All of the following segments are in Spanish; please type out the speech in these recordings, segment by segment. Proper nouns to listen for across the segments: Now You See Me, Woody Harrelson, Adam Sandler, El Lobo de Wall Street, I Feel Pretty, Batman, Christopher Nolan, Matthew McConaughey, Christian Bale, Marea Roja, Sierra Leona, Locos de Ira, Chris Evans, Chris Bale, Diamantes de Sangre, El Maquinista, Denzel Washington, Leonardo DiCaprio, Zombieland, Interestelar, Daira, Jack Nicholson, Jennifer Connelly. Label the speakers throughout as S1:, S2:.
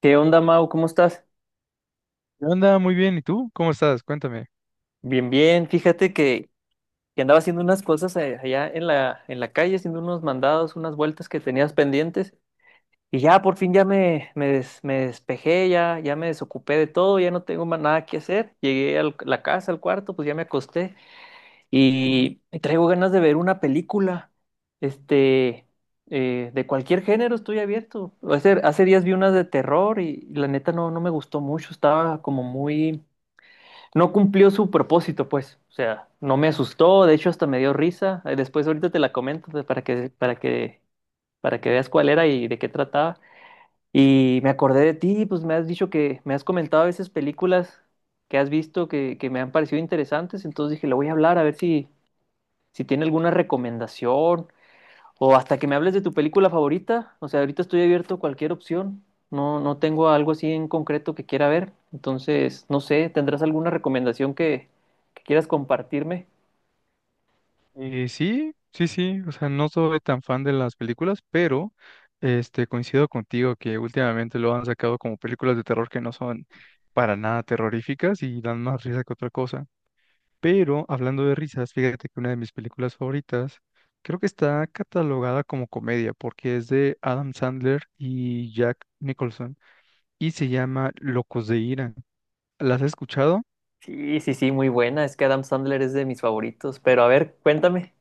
S1: ¿Qué onda, Mau? ¿Cómo estás?
S2: ¿Qué onda? Muy bien. ¿Y tú? ¿Cómo estás? Cuéntame.
S1: Bien, bien. Fíjate que andaba haciendo unas cosas allá en la calle, haciendo unos mandados, unas vueltas que tenías pendientes. Y ya, por fin, ya me despejé, ya me desocupé de todo, ya no tengo más nada que hacer. Llegué a la casa, al cuarto, pues ya me acosté. Y traigo ganas de ver una película, este, de cualquier género, estoy abierto. Hace días vi unas de terror y la neta no me gustó mucho, estaba como muy, no cumplió su propósito, pues. O sea, no me asustó, de hecho hasta me dio risa. Después ahorita te la comento, pues, para que veas cuál era y de qué trataba. Y me acordé de ti, pues me has dicho, que me has comentado a veces películas que has visto que me han parecido interesantes. Entonces dije, le voy a hablar a ver si tiene alguna recomendación, o hasta que me hables de tu película favorita. O sea, ahorita estoy abierto a cualquier opción. No, no tengo algo así en concreto que quiera ver. Entonces, no sé, ¿tendrás alguna recomendación que quieras compartirme?
S2: Sí, sí, sí. O sea, no soy tan fan de las películas, pero este, coincido contigo que últimamente lo han sacado como películas de terror que no son para nada terroríficas y dan más risa que otra cosa. Pero hablando de risas, fíjate que una de mis películas favoritas creo que está catalogada como comedia porque es de Adam Sandler y Jack Nicholson y se llama Locos de Ira. ¿Las has escuchado?
S1: Sí, sí, sí, muy buena. Es que Adam Sandler es de mis favoritos. Pero a ver, cuéntame.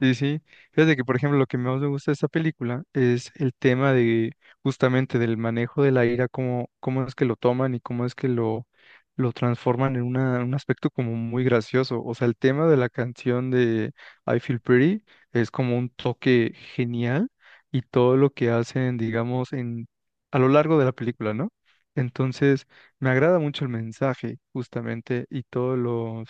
S2: Sí, sí. Fíjate que, por ejemplo, lo que más me gusta de esta película es el tema de justamente del manejo de la ira, cómo, cómo es que lo toman y cómo es que lo transforman en un aspecto como muy gracioso. O sea, el tema de la canción de I Feel Pretty es como un toque genial y todo lo que hacen, digamos, en, a lo largo de la película, ¿no? Entonces, me agrada mucho el mensaje, justamente, y todos los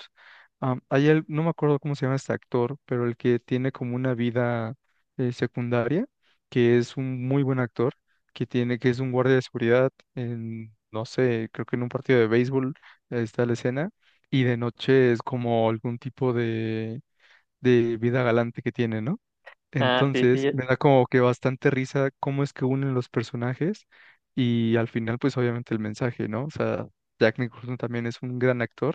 S2: No me acuerdo cómo se llama este actor, pero el que tiene como una vida secundaria, que es un muy buen actor, que tiene, que es un guardia de seguridad en, no sé, creo que en un partido de béisbol, está la escena, y de noche es como algún tipo de vida galante que tiene, ¿no?
S1: Ah, sí,
S2: Entonces,
S1: sí.
S2: me da como que bastante risa cómo es que unen los personajes y al final, pues obviamente el mensaje, ¿no? O sea, Jack Nicholson también es un gran actor,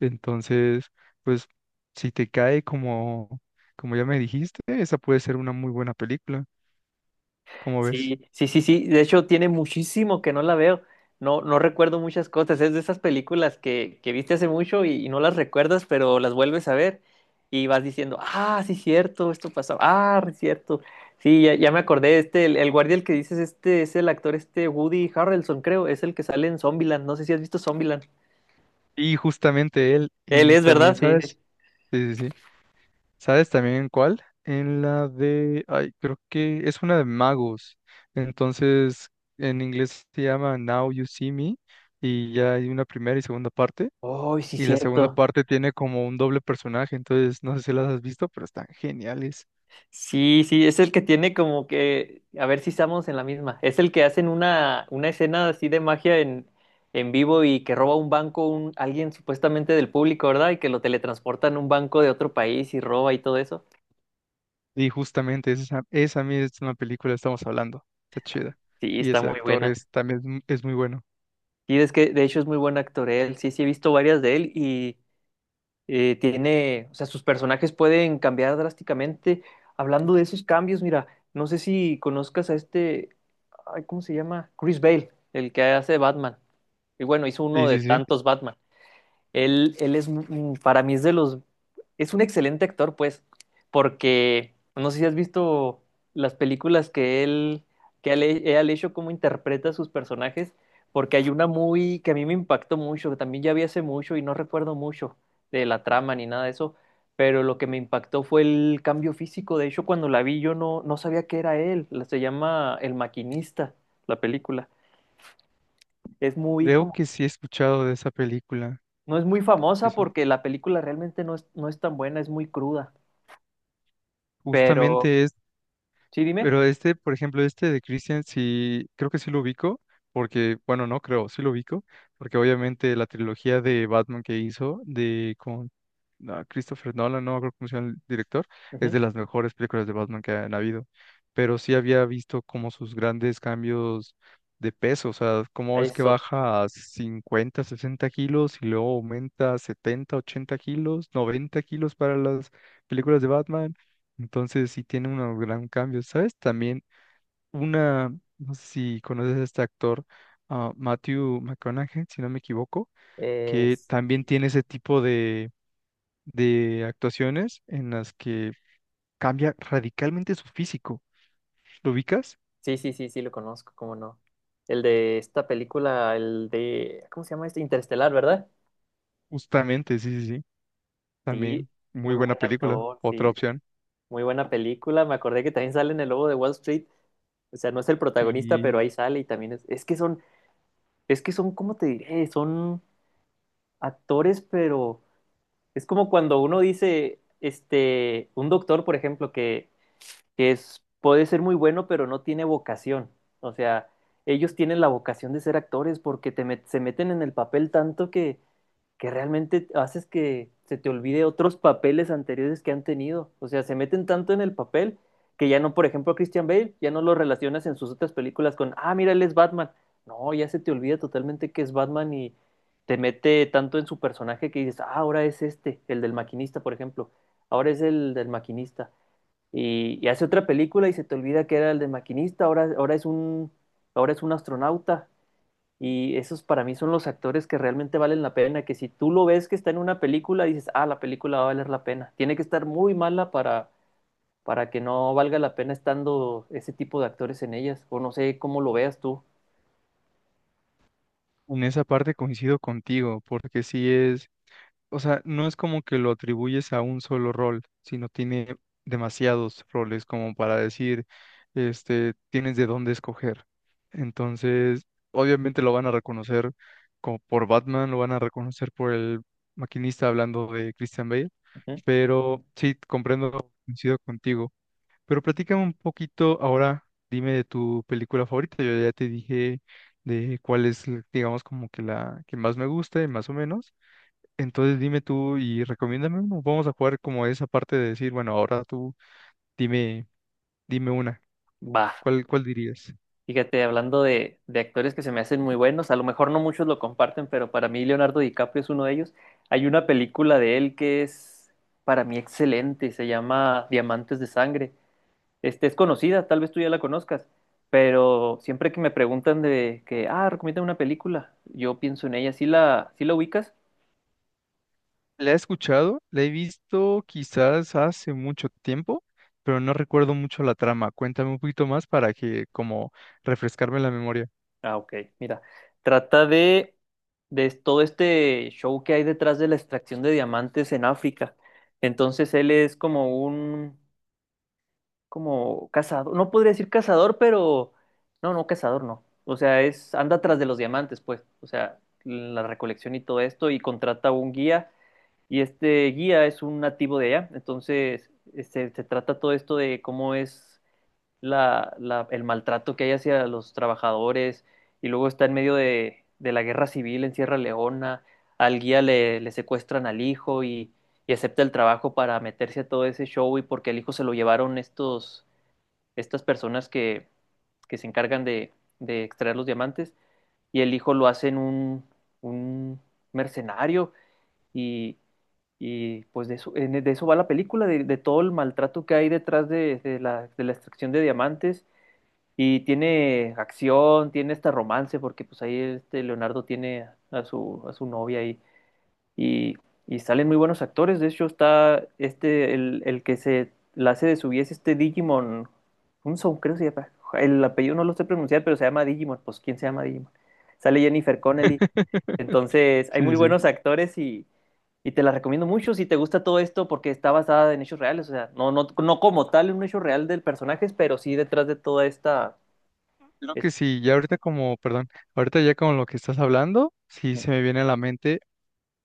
S2: entonces, pues si te cae como, como ya me dijiste, esa puede ser una muy buena película, como ves?
S1: Sí, sí, sí, sí. De hecho, tiene muchísimo que no la veo. No, no recuerdo muchas cosas. Es de esas películas que viste hace mucho y no las recuerdas, pero las vuelves a ver y vas diciendo, ah, sí, cierto, esto pasó. Ah, es cierto. Sí, ya me acordé. El guardia, el que dices, este es el actor, este Woody Harrelson, creo. Es el que sale en Zombieland. No sé si has visto Zombieland.
S2: Y justamente él,
S1: Él
S2: y
S1: es,
S2: también,
S1: ¿verdad? Sí, sí.
S2: ¿sabes? Sí, sí, sí. ¿Sabes también en cuál? En la de, ay, creo que es una de magos. Entonces, en inglés se llama Now You See Me, y ya hay una primera y segunda parte.
S1: Oh, sí,
S2: Y la segunda
S1: cierto.
S2: parte tiene como un doble personaje, entonces no sé si las has visto, pero están geniales.
S1: Sí, sí, es el que tiene como que, a ver si estamos en la misma, es el que hacen una escena así de magia en vivo y que roba un banco, alguien supuestamente del público, ¿verdad? Y que lo teletransportan a un banco de otro país y roba y todo eso.
S2: Y justamente esa, esa misma película estamos hablando. Está chida.
S1: Sí,
S2: Y
S1: está
S2: ese
S1: muy
S2: actor
S1: buena.
S2: es también es es muy bueno.
S1: Y es que de hecho es muy buen actor él, sí, sí, he visto varias de él y tiene, o sea, sus personajes pueden cambiar drásticamente. Hablando de esos cambios, mira, no sé si conozcas a este, ay, ¿cómo se llama? Chris Bale, el que hace Batman. Y bueno, hizo uno
S2: Sí,
S1: de
S2: sí, sí.
S1: tantos Batman. Él es, para mí es un excelente actor, pues, porque no sé si has visto las películas que él él ha hecho, cómo interpreta a sus personajes, porque hay una muy, que a mí me impactó mucho, que también ya vi hace mucho y no recuerdo mucho de la trama ni nada de eso, pero lo que me impactó fue el cambio físico. De hecho, cuando la vi yo no sabía que era él. Se llama El Maquinista, la película. Es muy
S2: Creo
S1: como.
S2: que sí he escuchado de esa película.
S1: No es muy
S2: Sí,
S1: famosa
S2: sí.
S1: porque la película realmente no es tan buena, es muy cruda. Pero,
S2: Justamente
S1: sí, dime.
S2: pero este, por ejemplo, este de Christian, sí, creo que sí lo ubico, porque, bueno, no creo, sí lo ubico, porque obviamente la trilogía de Batman que hizo de con Christopher Nolan, no me acuerdo cómo se llama el director, es
S1: Ujú.
S2: de las mejores películas de Batman que han habido. Pero sí había visto como sus grandes cambios de peso, o sea, cómo es que
S1: Eso.
S2: baja a 50, 60 kilos y luego aumenta a 70, 80 kilos, 90 kilos para las películas de Batman, entonces sí tiene un gran cambio, ¿sabes? También una, no sé si conoces a este actor, Matthew McConaughey, si no me equivoco, que
S1: es-
S2: también tiene ese tipo de actuaciones en las que cambia radicalmente su físico. ¿Lo ubicas?
S1: sí, sí, sí, sí, lo conozco, cómo no. El de esta película, el de, ¿cómo se llama este? Interestelar, ¿verdad?
S2: Justamente, sí, sí, sí.
S1: Sí,
S2: También muy
S1: muy
S2: buena
S1: buen
S2: película,
S1: actor, sí,
S2: otra opción.
S1: muy buena película. Me acordé que también sale en El Lobo de Wall Street. O sea, no es el protagonista,
S2: Y
S1: pero ahí sale y también es que son, ¿cómo te diré? Son actores, pero es como cuando uno dice, un doctor, por ejemplo, que es, puede ser muy bueno, pero no tiene vocación. O sea, ellos tienen la vocación de ser actores porque se meten en el papel tanto que realmente haces que se te olvide otros papeles anteriores que han tenido. O sea, se meten tanto en el papel que ya no, por ejemplo, a Christian Bale, ya no lo relacionas en sus otras películas con, ah, mira, él es Batman. No, ya se te olvida totalmente que es Batman y te mete tanto en su personaje que dices, ah, ahora es este, el del maquinista, por ejemplo. Ahora es el del maquinista. Y hace otra película y se te olvida que era el del maquinista, ahora es un astronauta, y esos para mí son los actores que realmente valen la pena, que si tú lo ves que está en una película, dices, ah, la película va a valer la pena. Tiene que estar muy mala para que no valga la pena estando ese tipo de actores en ellas, o no sé cómo lo veas tú.
S2: en esa parte coincido contigo, porque sí es, o sea, no es como que lo atribuyes a un solo rol, sino tiene demasiados roles como para decir, este, tienes de dónde escoger. Entonces, obviamente lo van a reconocer como por Batman, lo van a reconocer por el maquinista hablando de Christian Bale,
S1: Ujú.
S2: pero sí, comprendo, coincido contigo. Pero platícame un poquito ahora, dime de tu película favorita. Yo ya te dije de cuál es, digamos, como que la que más me gusta, y más o menos. Entonces dime tú y recomiéndame uno. Vamos a jugar como esa parte de decir, bueno, ahora tú dime, dime una.
S1: Va,
S2: ¿Cuál, cuál dirías?
S1: fíjate, hablando de actores que se me hacen muy buenos, a lo mejor no muchos lo comparten, pero para mí Leonardo DiCaprio es uno de ellos. Hay una película de él que es para mí excelente, se llama Diamantes de Sangre. Es conocida, tal vez tú ya la conozcas, pero siempre que me preguntan de que, ah, recomienda una película, yo pienso en ella. ¿Sí la ubicas?
S2: La he escuchado, la he visto quizás hace mucho tiempo, pero no recuerdo mucho la trama. Cuéntame un poquito más para que como refrescarme la memoria.
S1: Ah, ok, mira, trata de todo este show que hay detrás de la extracción de diamantes en África. Entonces él es como cazador, no podría decir cazador, pero, no, no, cazador no. O sea, anda tras de los diamantes, pues, o sea, la recolección y todo esto, y contrata a un guía. Y este guía es un nativo de allá, entonces se trata todo esto de cómo es el maltrato que hay hacia los trabajadores y luego está en medio de la guerra civil en Sierra Leona. Al guía le secuestran al hijo y acepta el trabajo para meterse a todo ese show, y porque al hijo se lo llevaron estas personas que se encargan de extraer los diamantes, y el hijo lo hacen un mercenario, y y pues de eso, de eso va la película, de todo el maltrato que hay detrás de la extracción de diamantes. Y tiene acción, tiene este romance, porque pues ahí este Leonardo tiene a su novia ahí. Y, y salen muy buenos actores. De hecho, está el que se la hace de su guía, es este Digimon. Un son, creo que se llama. El apellido no lo sé pronunciar, pero se llama Digimon. Pues, ¿quién se llama Digimon? Sale Jennifer Connelly. Entonces, hay muy
S2: Sí, sí.
S1: buenos actores y te la recomiendo mucho si te gusta todo esto porque está basada en hechos reales, o sea, no como tal en un hecho real del personaje, pero sí detrás de toda esta.
S2: Creo
S1: es-
S2: que sí, ya ahorita como, perdón, ahorita ya con lo que estás hablando, sí se me viene a la mente.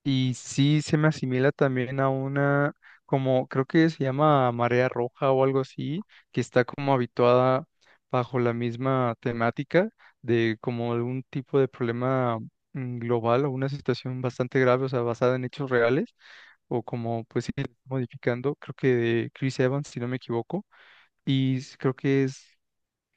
S2: Y sí se me asimila también a una, como creo que se llama marea roja o algo así, que está como habituada bajo la misma temática de como algún tipo de problema global, o una situación bastante grave, o sea, basada en hechos reales, o como pues sí, modificando, creo que de Chris Evans, si no me equivoco, y creo que es,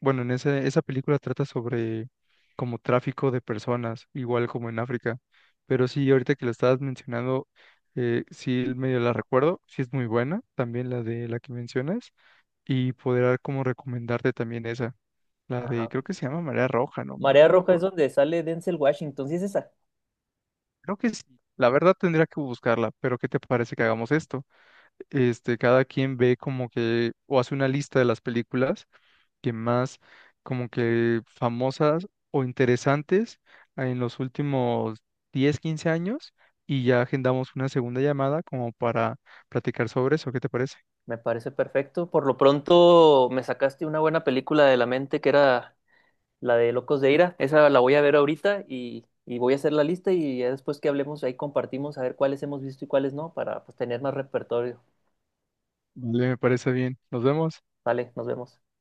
S2: bueno, en ese, esa película trata sobre como tráfico de personas, igual como en África. Pero sí, ahorita que lo estabas mencionando, sí medio la recuerdo, sí es muy buena, también la de la que mencionas, y podrá como recomendarte también esa, la
S1: Ah,
S2: de, creo
S1: ok.
S2: que se llama Marea Roja, no, no
S1: Marea
S2: no me
S1: Roja es
S2: acuerdo.
S1: donde sale Denzel Washington, sí es esa.
S2: Creo que sí. La verdad tendría que buscarla, pero ¿qué te parece que hagamos esto? Este, cada quien ve como que, o hace una lista de las películas que más como que famosas o interesantes en los últimos 10 15 años, y ya agendamos una segunda llamada como para platicar sobre eso. ¿Qué te parece?
S1: Me parece perfecto. Por lo pronto me sacaste una buena película de la mente, que era la de Locos de Ira. Esa la voy a ver ahorita y voy a hacer la lista, y ya después que hablemos ahí compartimos a ver cuáles hemos visto y cuáles no, para, pues, tener más repertorio.
S2: Vale, me parece bien. Nos vemos.
S1: Vale, nos vemos.